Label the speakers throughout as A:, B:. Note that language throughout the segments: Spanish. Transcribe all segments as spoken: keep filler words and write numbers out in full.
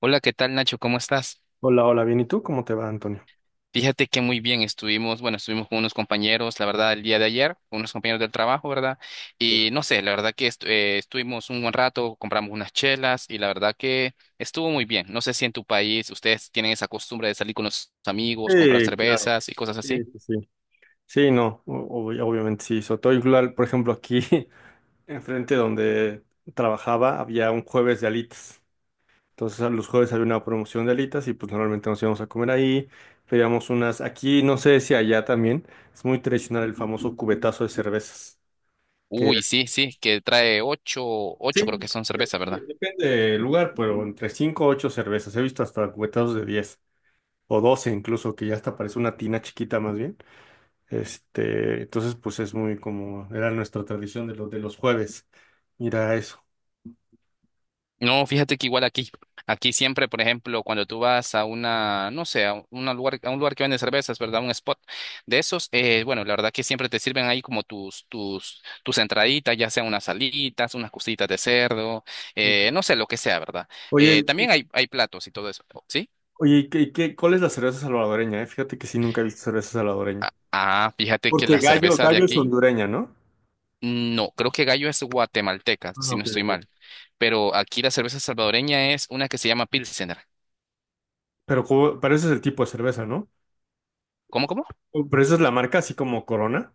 A: Hola, ¿qué tal, Nacho? ¿Cómo estás?
B: Hola, hola, bien. ¿Y tú? ¿Cómo te va, Antonio?
A: Fíjate que muy bien estuvimos, bueno, estuvimos con unos compañeros, la verdad, el día de ayer, con unos compañeros del trabajo, ¿verdad? Y no sé, la verdad que estu- eh, estuvimos un buen rato, compramos unas chelas y la verdad que estuvo muy bien. No sé si en tu país ustedes tienen esa costumbre de salir con los amigos, comprar
B: Sí, claro.
A: cervezas y cosas así.
B: Sí, sí, sí. Sí, no, o- ob- obviamente sí. Sobre todo igual, por ejemplo, aquí enfrente donde trabajaba había un jueves de alitas. Entonces, a los jueves había una promoción de alitas y pues normalmente nos íbamos a comer ahí. Pedíamos unas, aquí no sé si allá también, es muy tradicional el famoso cubetazo de cervezas, que
A: Uy,
B: es...
A: sí, sí, que trae ocho, ocho creo que
B: Sí,
A: son cervezas,
B: depende,
A: ¿verdad?
B: depende del lugar, pero entre cinco o ocho cervezas. He visto hasta cubetazos de diez o doce incluso, que ya hasta parece una tina chiquita más bien. Este, entonces, pues es muy como, era nuestra tradición de los, de los jueves, ir a eso.
A: No, fíjate que igual aquí, aquí siempre, por ejemplo, cuando tú vas a una, no sé, a un una lugar, a un lugar que vende cervezas, ¿verdad? Un spot de esos, eh, bueno, la verdad que siempre te sirven ahí como tus, tus, tus entraditas, ya sea unas salitas, unas cositas de cerdo, eh,
B: Ok.
A: no sé, lo que sea, ¿verdad?
B: Oye,
A: Eh,
B: y-
A: también hay, hay platos y todo eso, ¿sí?
B: oye, ¿y ¿qué, qué, cuál es la cerveza salvadoreña? ¿Eh? Fíjate que sí, nunca he visto cerveza salvadoreña.
A: Ah, fíjate que
B: Porque
A: la
B: Gallo,
A: cerveza de
B: Gallo es
A: aquí,
B: hondureña, ¿no?
A: no, creo que Gallo es guatemalteca,
B: Ah,
A: si no
B: ok,
A: estoy
B: ok.
A: mal, pero aquí la cerveza salvadoreña es una que se llama Pilsener.
B: Pero, como- pero ese es el tipo de cerveza, ¿no?
A: ¿Cómo, cómo?
B: O- Pero esa es la marca, así como Corona.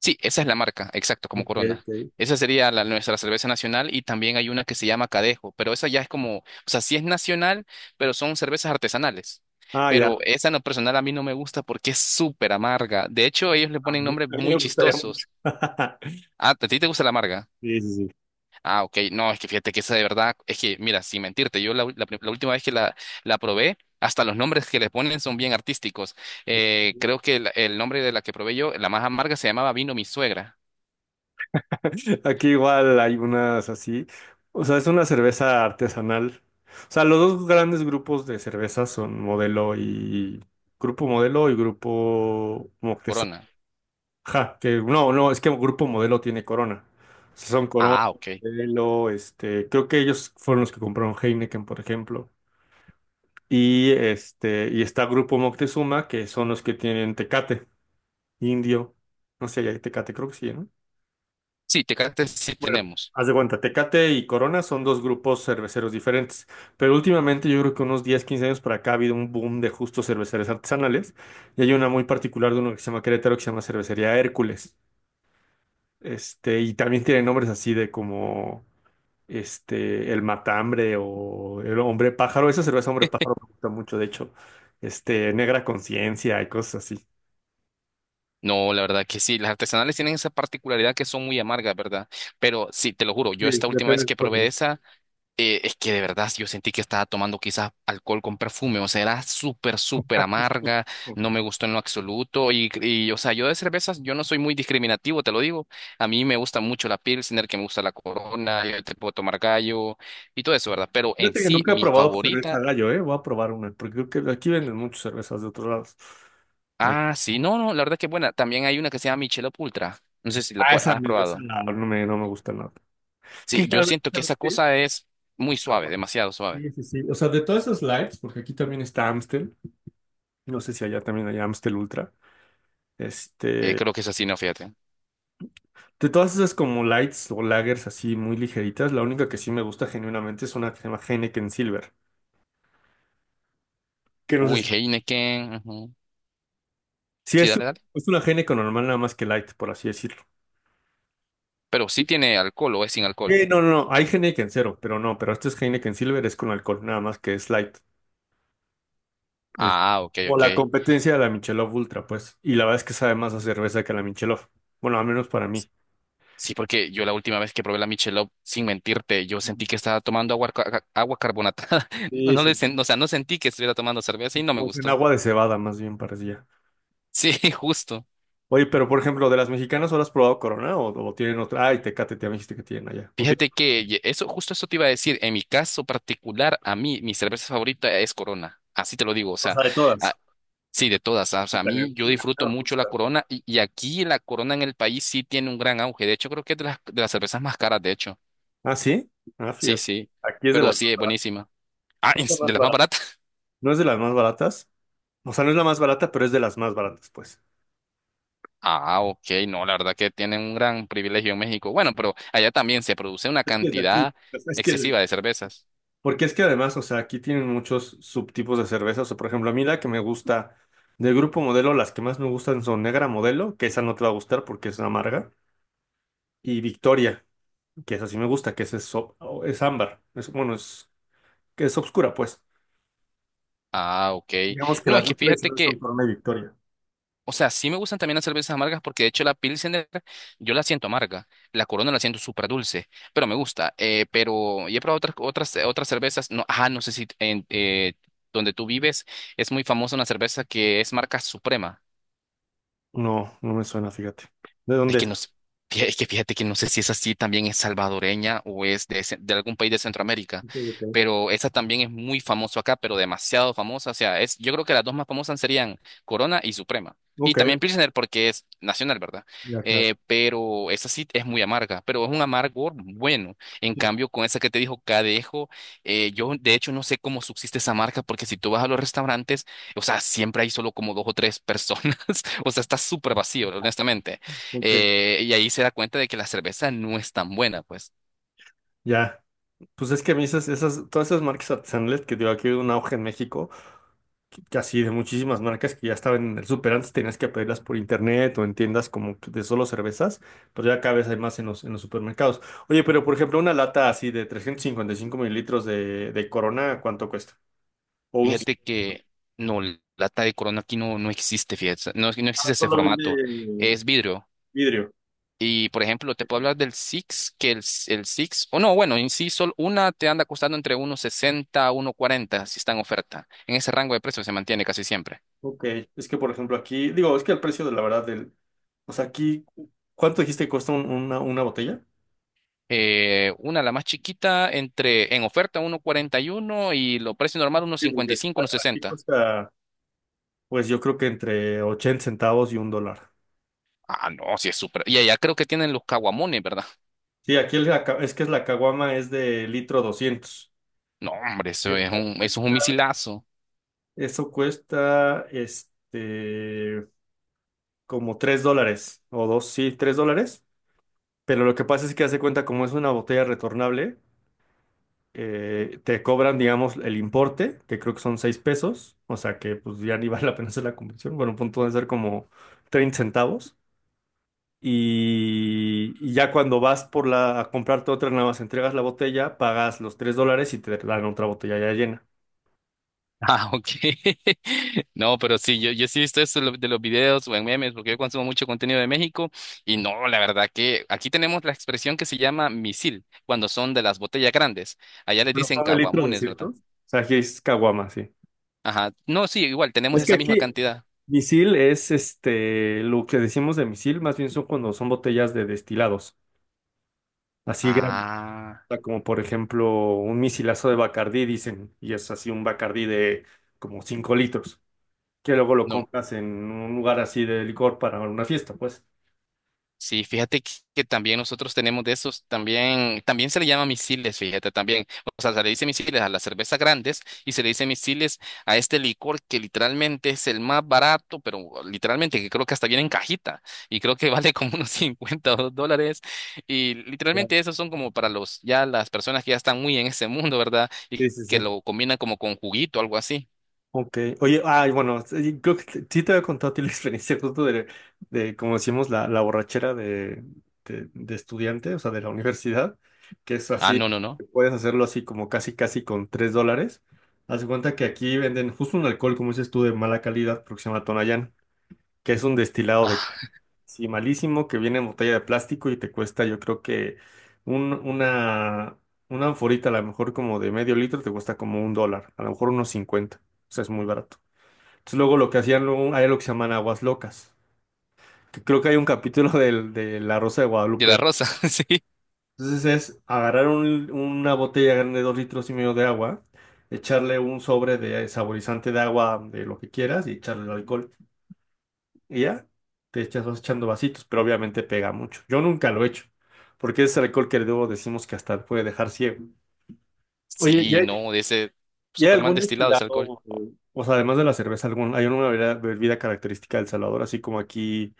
A: Sí, esa es la marca, exacto, como
B: Ok,
A: Corona.
B: ok.
A: Esa sería la, nuestra cerveza nacional, y también hay una que se llama Cadejo, pero esa ya es como, o sea, sí es nacional, pero son cervezas artesanales.
B: Ah, ya.
A: Pero esa en lo personal a mí no me gusta porque es súper amarga. De hecho, ellos le
B: A
A: ponen
B: mí
A: nombres
B: a mí me
A: muy
B: gustaría mucho.
A: chistosos. Ah, ¿a ti te gusta la amarga?
B: Sí, sí,
A: Ah, ok, no, es que fíjate que esa de verdad, es que, mira, sin mentirte, yo la, u- la- pri- la última vez que la, la probé, hasta los nombres que le ponen son bien artísticos. Eh,
B: sí.
A: creo que el, el nombre de la que probé yo, la más amarga, se llamaba Vino Mi Suegra.
B: Aquí igual hay unas así. O sea, es una cerveza artesanal. O sea, los dos grandes grupos de cervezas son Modelo y Grupo Modelo y Grupo Moctezuma.
A: Corona.
B: Ajá, que no, no, es que Grupo Modelo tiene Corona. O sea, son Corona,
A: Ah, ok.
B: Modelo, este, creo que ellos fueron los que compraron Heineken, por ejemplo. Y este, y está Grupo Moctezuma, que son los que tienen Tecate, Indio. No sé, si hay Tecate, creo que sí, ¿no?
A: Sí, Tecates sí
B: Bueno,
A: tenemos.
B: haz de cuenta, Tecate y Corona son dos grupos cerveceros diferentes, pero últimamente yo creo que unos diez quince años para acá ha habido un boom de justos cerveceros artesanales y hay una muy particular de uno que se llama Querétaro que se llama Cervecería Hércules. Este, y también tiene nombres así de como este el Matambre o el Hombre Pájaro. Esa cerveza Hombre Pájaro me gusta mucho, de hecho, este Negra Conciencia y cosas así.
A: No, la verdad que sí, las artesanales tienen esa particularidad que son muy amargas, ¿verdad? Pero sí, te lo juro,
B: Sí,
A: yo esta última
B: depende
A: vez
B: del
A: que
B: tipo de
A: probé esa, eh, es que de verdad yo sentí que estaba tomando quizás alcohol con perfume, o sea, era súper, súper
B: cerveza.
A: amarga, no me gustó en lo absoluto y, y, o sea, yo de cervezas, yo no soy muy discriminativo, te lo digo, a mí me gusta mucho la Pilsner, que me gusta la Corona, yo te puedo tomar Gallo y todo eso, ¿verdad? Pero en
B: Fíjate que
A: sí,
B: nunca he
A: mi
B: probado cerveza
A: favorita.
B: gallo, ¿eh? Voy a probar una, porque creo que aquí venden muchas cervezas de otros lados. Eh,
A: Ah, sí, no, no, la verdad que es buena. También hay una que se llama Michelob Ultra. No sé si la
B: ah,
A: pu-
B: esa,
A: has
B: esa
A: probado.
B: no no me, no me gusta nada. Es que
A: Sí, yo
B: generalmente,
A: siento que esa
B: ¿sabes qué?
A: cosa es muy
B: Es
A: suave,
B: agua.
A: demasiado suave.
B: Sí, sí, sí. O sea, de todas esas lights, porque aquí también está Amstel, no sé si allá también hay Amstel Ultra.
A: Eh,
B: Este,
A: creo que es así, no, fíjate.
B: de todas esas como lights o lagers así muy ligeritas, la única que sí me gusta genuinamente es una que se llama Heineken Silver, que no sé
A: Uy,
B: si,
A: Heineken. ujú.
B: si
A: Sí, dale,
B: es,
A: dale.
B: es una Heineken normal nada más que light, por así decirlo.
A: ¿Pero sí tiene alcohol o es sin alcohol?
B: Sí, no, no, no, hay Heineken cero, pero no, pero este es Heineken Silver, es con alcohol, nada más que es light. Es
A: Ah, ok,
B: como
A: ok.
B: la competencia de la Michelob Ultra, pues. Y la verdad es que sabe más a cerveza que a la Michelob. Bueno, al menos para mí.
A: Sí, porque yo la última vez que probé la Michelob, sin mentirte, yo sentí que estaba tomando agua, ca- agua carbonatada.
B: Sí,
A: No, le,
B: sí.
A: sen- o sea, no sentí que estuviera tomando cerveza y no me
B: Como es en
A: gustó.
B: agua de cebada, más bien parecía.
A: Sí, justo.
B: Oye, pero por ejemplo, de las mexicanas, ¿solo has probado Corona o, o tienen otra? Ay, Tecate, te me dijiste que tienen allá. O, tienen...
A: Fíjate que ye- eso, justo eso te iba a decir. En mi caso particular, a mí, mi cerveza favorita es Corona. Así te lo digo. O
B: o
A: sea,
B: sea, de todas.
A: ah, sí, de todas. Ah, o sea, a
B: Puta, a mí
A: mí yo
B: no
A: disfruto
B: me
A: mucho la
B: gusta.
A: Corona y, y aquí la Corona en el país sí tiene un gran auge. De hecho, creo que es de las, de las cervezas más caras, de hecho.
B: Ah, sí. Ah,
A: Sí,
B: fíjate.
A: sí.
B: Aquí es de
A: Pero
B: las
A: sí,
B: no
A: es buenísima. Ah,
B: es de las
A: ¿es de
B: más
A: las más
B: baratas.
A: baratas.
B: ¿No es de las más baratas? O sea, no es la más barata, pero es de las más baratas, pues.
A: Ah, ok. No, la verdad que tienen un gran privilegio en México. Bueno, pero allá también se produce una
B: Es que es de aquí.
A: cantidad
B: Es es que,
A: excesiva de cervezas.
B: porque es que además, o sea, aquí tienen muchos subtipos de cerveza. O sea, por ejemplo, a mí la que me gusta del grupo Modelo, las que más me gustan son Negra Modelo, que esa no te va a gustar porque es amarga, y Victoria, que esa sí me gusta, que esa es, o- o- es ámbar. Es, bueno, es, que es oscura, pues.
A: Ah, ok.
B: Digamos que
A: No,
B: las
A: es que
B: dos
A: fíjate
B: tradicionales son
A: que
B: Corona y Victoria.
A: O sea, sí me gustan también las cervezas amargas porque de hecho la Pilsener yo la siento amarga, la Corona la siento súper dulce, pero me gusta. Eh, pero y he probado otras, otras, otras cervezas, no, ajá, no sé si en, eh, donde tú vives es muy famosa una cerveza que es marca Suprema.
B: No, no me suena, fíjate. ¿De
A: Es
B: dónde
A: que
B: es?
A: no sé, fí- es que fíjate que no sé si es así también es salvadoreña o es de, ce- de algún país de Centroamérica,
B: Ok, ok.
A: pero esa también es muy famosa acá, pero demasiado famosa. O sea, es, yo creo que las dos más famosas serían Corona y Suprema. Y
B: Ok,
A: también Pilsner porque es nacional, ¿verdad?
B: ya, claro.
A: Eh, pero esa sí es muy amarga, pero es un amargor bueno. En
B: Sí.
A: cambio, con esa que te dijo Cadejo, eh, yo de hecho no sé cómo subsiste esa marca, porque si tú vas a los restaurantes, o sea, siempre hay solo como dos o tres personas, o sea, está súper vacío, honestamente.
B: Ok.
A: Eh, y ahí se da cuenta de que la cerveza no es tan buena, pues.
B: Ya, pues es que a mí esas, esas, todas esas marcas artesanales que digo, aquí hay un auge en México. Así de muchísimas marcas que ya estaban en el súper antes, tenías que pedirlas por internet o en tiendas como que de solo cervezas, pues ya cada vez hay más en los, en los supermercados. Oye, pero por ejemplo, una lata así de trescientos cincuenta y cinco mililitros de, de Corona, ¿cuánto cuesta? O un...
A: Fíjate que no, lata de Corona aquí no, no existe, fíjate, no, no
B: Ah,
A: existe ese
B: solo vende
A: formato, es vidrio.
B: vidrio.
A: Y por ejemplo, te puedo hablar del Six, que el, el Six, o no, bueno, en sí, solo una te anda costando entre uno sesenta a uno cuarenta si está en oferta. En ese rango de precios se mantiene casi siempre.
B: Ok, es que por ejemplo aquí, digo, es que el precio de la verdad del, o sea, aquí, ¿cuánto dijiste que cuesta un- una, una botella?
A: Eh, una, la más chiquita, entre en oferta uno cuarenta y uno, y lo precio normal uno
B: Sí,
A: cincuenta y
B: porque
A: cinco,
B: a-
A: uno
B: aquí
A: sesenta.
B: cuesta, pues yo creo que entre ochenta centavos y un dólar.
A: Ah, no, sí es súper. Y allá creo que tienen los caguamones, ¿verdad?
B: Sí, aquí el- es que es la caguama es de litro doscientos.
A: No, hombre, eso es
B: Esta
A: un, eso es un
B: cuesta-
A: misilazo.
B: Eso cuesta, este, como tres dólares o dos, sí, tres dólares. Pero lo que pasa es que hace cuenta, como es una botella retornable, eh, te cobran, digamos, el importe, que creo que son seis pesos. O sea que pues ya ni vale la pena hacer la conversión. Bueno, a punto de ser como treinta centavos. Y, y ya cuando vas por la, a comprarte otra, nada más entregas la botella, pagas los tres dólares y te dan otra botella ya llena.
A: Ah, ok. No, pero sí, yo, yo sí he visto eso de lo- de los videos o en memes, porque yo consumo mucho contenido de México, y no, la verdad que aquí tenemos la expresión que se llama misil, cuando son de las botellas grandes. Allá les
B: Pero
A: dicen
B: son de litro
A: caguamones, ¿verdad?
B: doscientos. O sea, aquí es caguama, sí.
A: Ajá. No, sí, igual, tenemos
B: Es que
A: esa misma
B: aquí
A: cantidad.
B: misil es este, lo que decimos de misil, más bien son cuando son botellas de destilados, así grandes,
A: Ah,
B: o sea, como por ejemplo un misilazo de Bacardí, dicen, y es así un Bacardí de como cinco litros, que luego lo
A: no.
B: compras en un lugar así de licor para una fiesta, pues.
A: Sí, fíjate que que también nosotros tenemos de esos, también, también se le llama misiles, fíjate, también. O sea, se le dice misiles a las cervezas grandes, y se le dice misiles a este licor que literalmente es el más barato, pero literalmente que creo que hasta viene en cajita, y creo que vale como unos cincuenta o dos dólares. Y
B: Claro.
A: literalmente esos son como para los, ya, las personas que ya están muy en ese mundo, ¿verdad? Y
B: Sí, sí,
A: que
B: sí.
A: lo combinan como con juguito o algo así.
B: Ok, oye, ay, bueno, sí, creo que te- sí te había contado a ti la experiencia justo de, de como decimos, la, la borrachera de, de, de estudiante, o sea, de la universidad, que es
A: Ah,
B: así,
A: no, no, no.
B: que puedes hacerlo así como casi, casi con tres dólares. Haz de cuenta que aquí venden justo un alcohol, como dices tú, de mala calidad, porque se llama Tonayán, que es un destilado de
A: Ah,
B: sí, malísimo, que viene en botella de plástico y te cuesta, yo creo que un, una, una anforita, a lo mejor como de medio litro, te cuesta como un dólar, a lo mejor unos cincuenta, o sea, es muy barato. Entonces, luego lo que hacían, luego hay lo que se llaman aguas locas, que creo que hay un capítulo del, de La Rosa de
A: de la
B: Guadalupe.
A: rosa, sí.
B: Entonces es agarrar un- una botella grande de dos litros y medio de agua, echarle un sobre de saborizante de agua, de lo que quieras, y echarle el alcohol. Y ya, te echas, vas echando vasitos, pero obviamente pega mucho. Yo nunca lo he hecho, porque es alcohol que luego decimos que hasta puede dejar ciego. Oye, ¿y
A: Sí,
B: hay,
A: no, de ese
B: ¿y hay
A: súper mal
B: algún
A: destilado
B: destilado,
A: ese alcohol.
B: o sea, además de la cerveza, algún, hay una bebida, bebida característica del Salvador, así como aquí?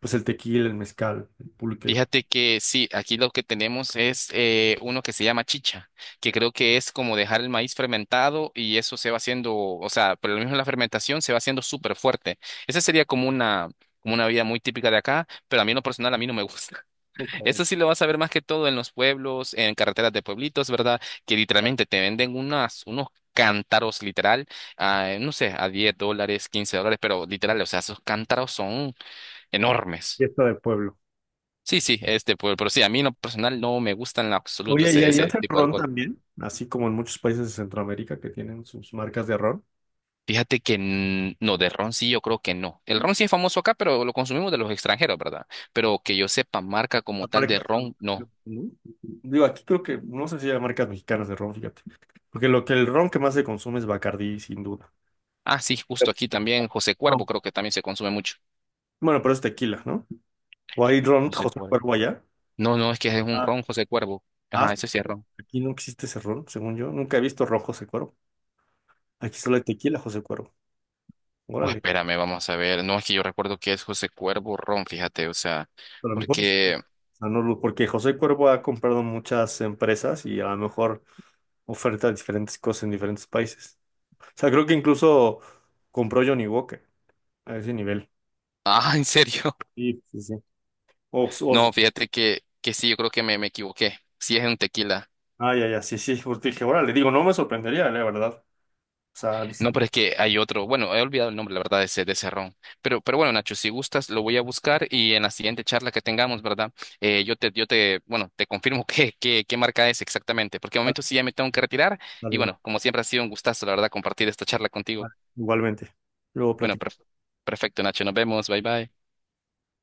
B: Pues el tequila, el mezcal, el pulque.
A: Fíjate que sí, aquí lo que tenemos es eh, uno que se llama chicha, que creo que es como dejar el maíz fermentado, y eso se va haciendo, o sea, por lo mismo la fermentación se va haciendo súper fuerte. Esa sería como una, como una vida muy típica de acá, pero a mí en lo personal a mí no me gusta.
B: Ok.
A: Eso sí lo vas a ver más que todo en los pueblos, en carreteras de pueblitos, ¿verdad? Que literalmente te venden unas, unos cántaros literal, a, no sé, a diez dólares, quince dólares, pero literal, o sea, esos cántaros son enormes.
B: Fiesta del pueblo.
A: Sí, sí, este, pero, pero sí, a mí en lo personal no me gusta en lo absoluto
B: Oye, ¿y
A: ese,
B: ahí
A: ese
B: hacen
A: tipo de
B: ron
A: alcohol.
B: también? Así como en muchos países de Centroamérica que tienen sus marcas de ron.
A: Fíjate que n- no, de ron sí yo creo que no. El ron sí es famoso acá, pero lo consumimos de los extranjeros, ¿verdad? Pero que yo sepa, marca como
B: Las
A: tal de
B: marcas
A: ron, no.
B: ¿no? Digo, aquí creo que, no sé si hay marcas mexicanas de ron, fíjate. Porque lo que el ron que más se consume es Bacardí, sin duda.
A: Ah, sí, justo aquí también José Cuervo
B: No.
A: creo que también se consume mucho.
B: Bueno, pero es tequila, ¿no? ¿O hay ron
A: José
B: José
A: Cuervo.
B: Cuervo allá?
A: No, no, es que es un
B: Ah,
A: ron José Cuervo.
B: ah,
A: Ajá,
B: sí.
A: ese sí es ron.
B: Aquí no existe ese ron, según yo. Nunca he visto rojo José Cuervo. Aquí solo hay tequila José Cuervo.
A: Pues
B: Órale.
A: espérame, vamos a ver. No, es que yo recuerdo que es José Cuervo ron, fíjate, o sea,
B: A lo mejor es- o
A: porque…
B: sea, no lo- porque José Cuervo ha comprado muchas empresas y a lo mejor oferta diferentes cosas en diferentes países. O sea, creo que incluso compró Johnny Walker a ese nivel.
A: Ah, ¿en serio?
B: Sí, sí, sí. O, o-
A: No, fíjate que, que sí, yo creo que me, me equivoqué. Sí es un tequila.
B: ah, ya, ya, sí, sí. Porque dije, le digo, no me sorprendería, la verdad. O sea, vale,
A: No, pero es que hay otro, bueno, he olvidado el nombre, la verdad, de ese, de ese ron. Pero, pero bueno, Nacho, si gustas, lo voy a buscar y en la siguiente charla que tengamos, ¿verdad? Eh, yo te, yo te, bueno, te confirmo qué, qué, qué marca es exactamente, porque de momento sí ya me tengo que retirar, y
B: vale, no,
A: bueno, como siempre ha sido un gustazo, la verdad, compartir esta charla contigo.
B: vale, igualmente. Luego
A: Bueno,
B: platicamos.
A: perf- perfecto, Nacho, nos vemos, bye bye.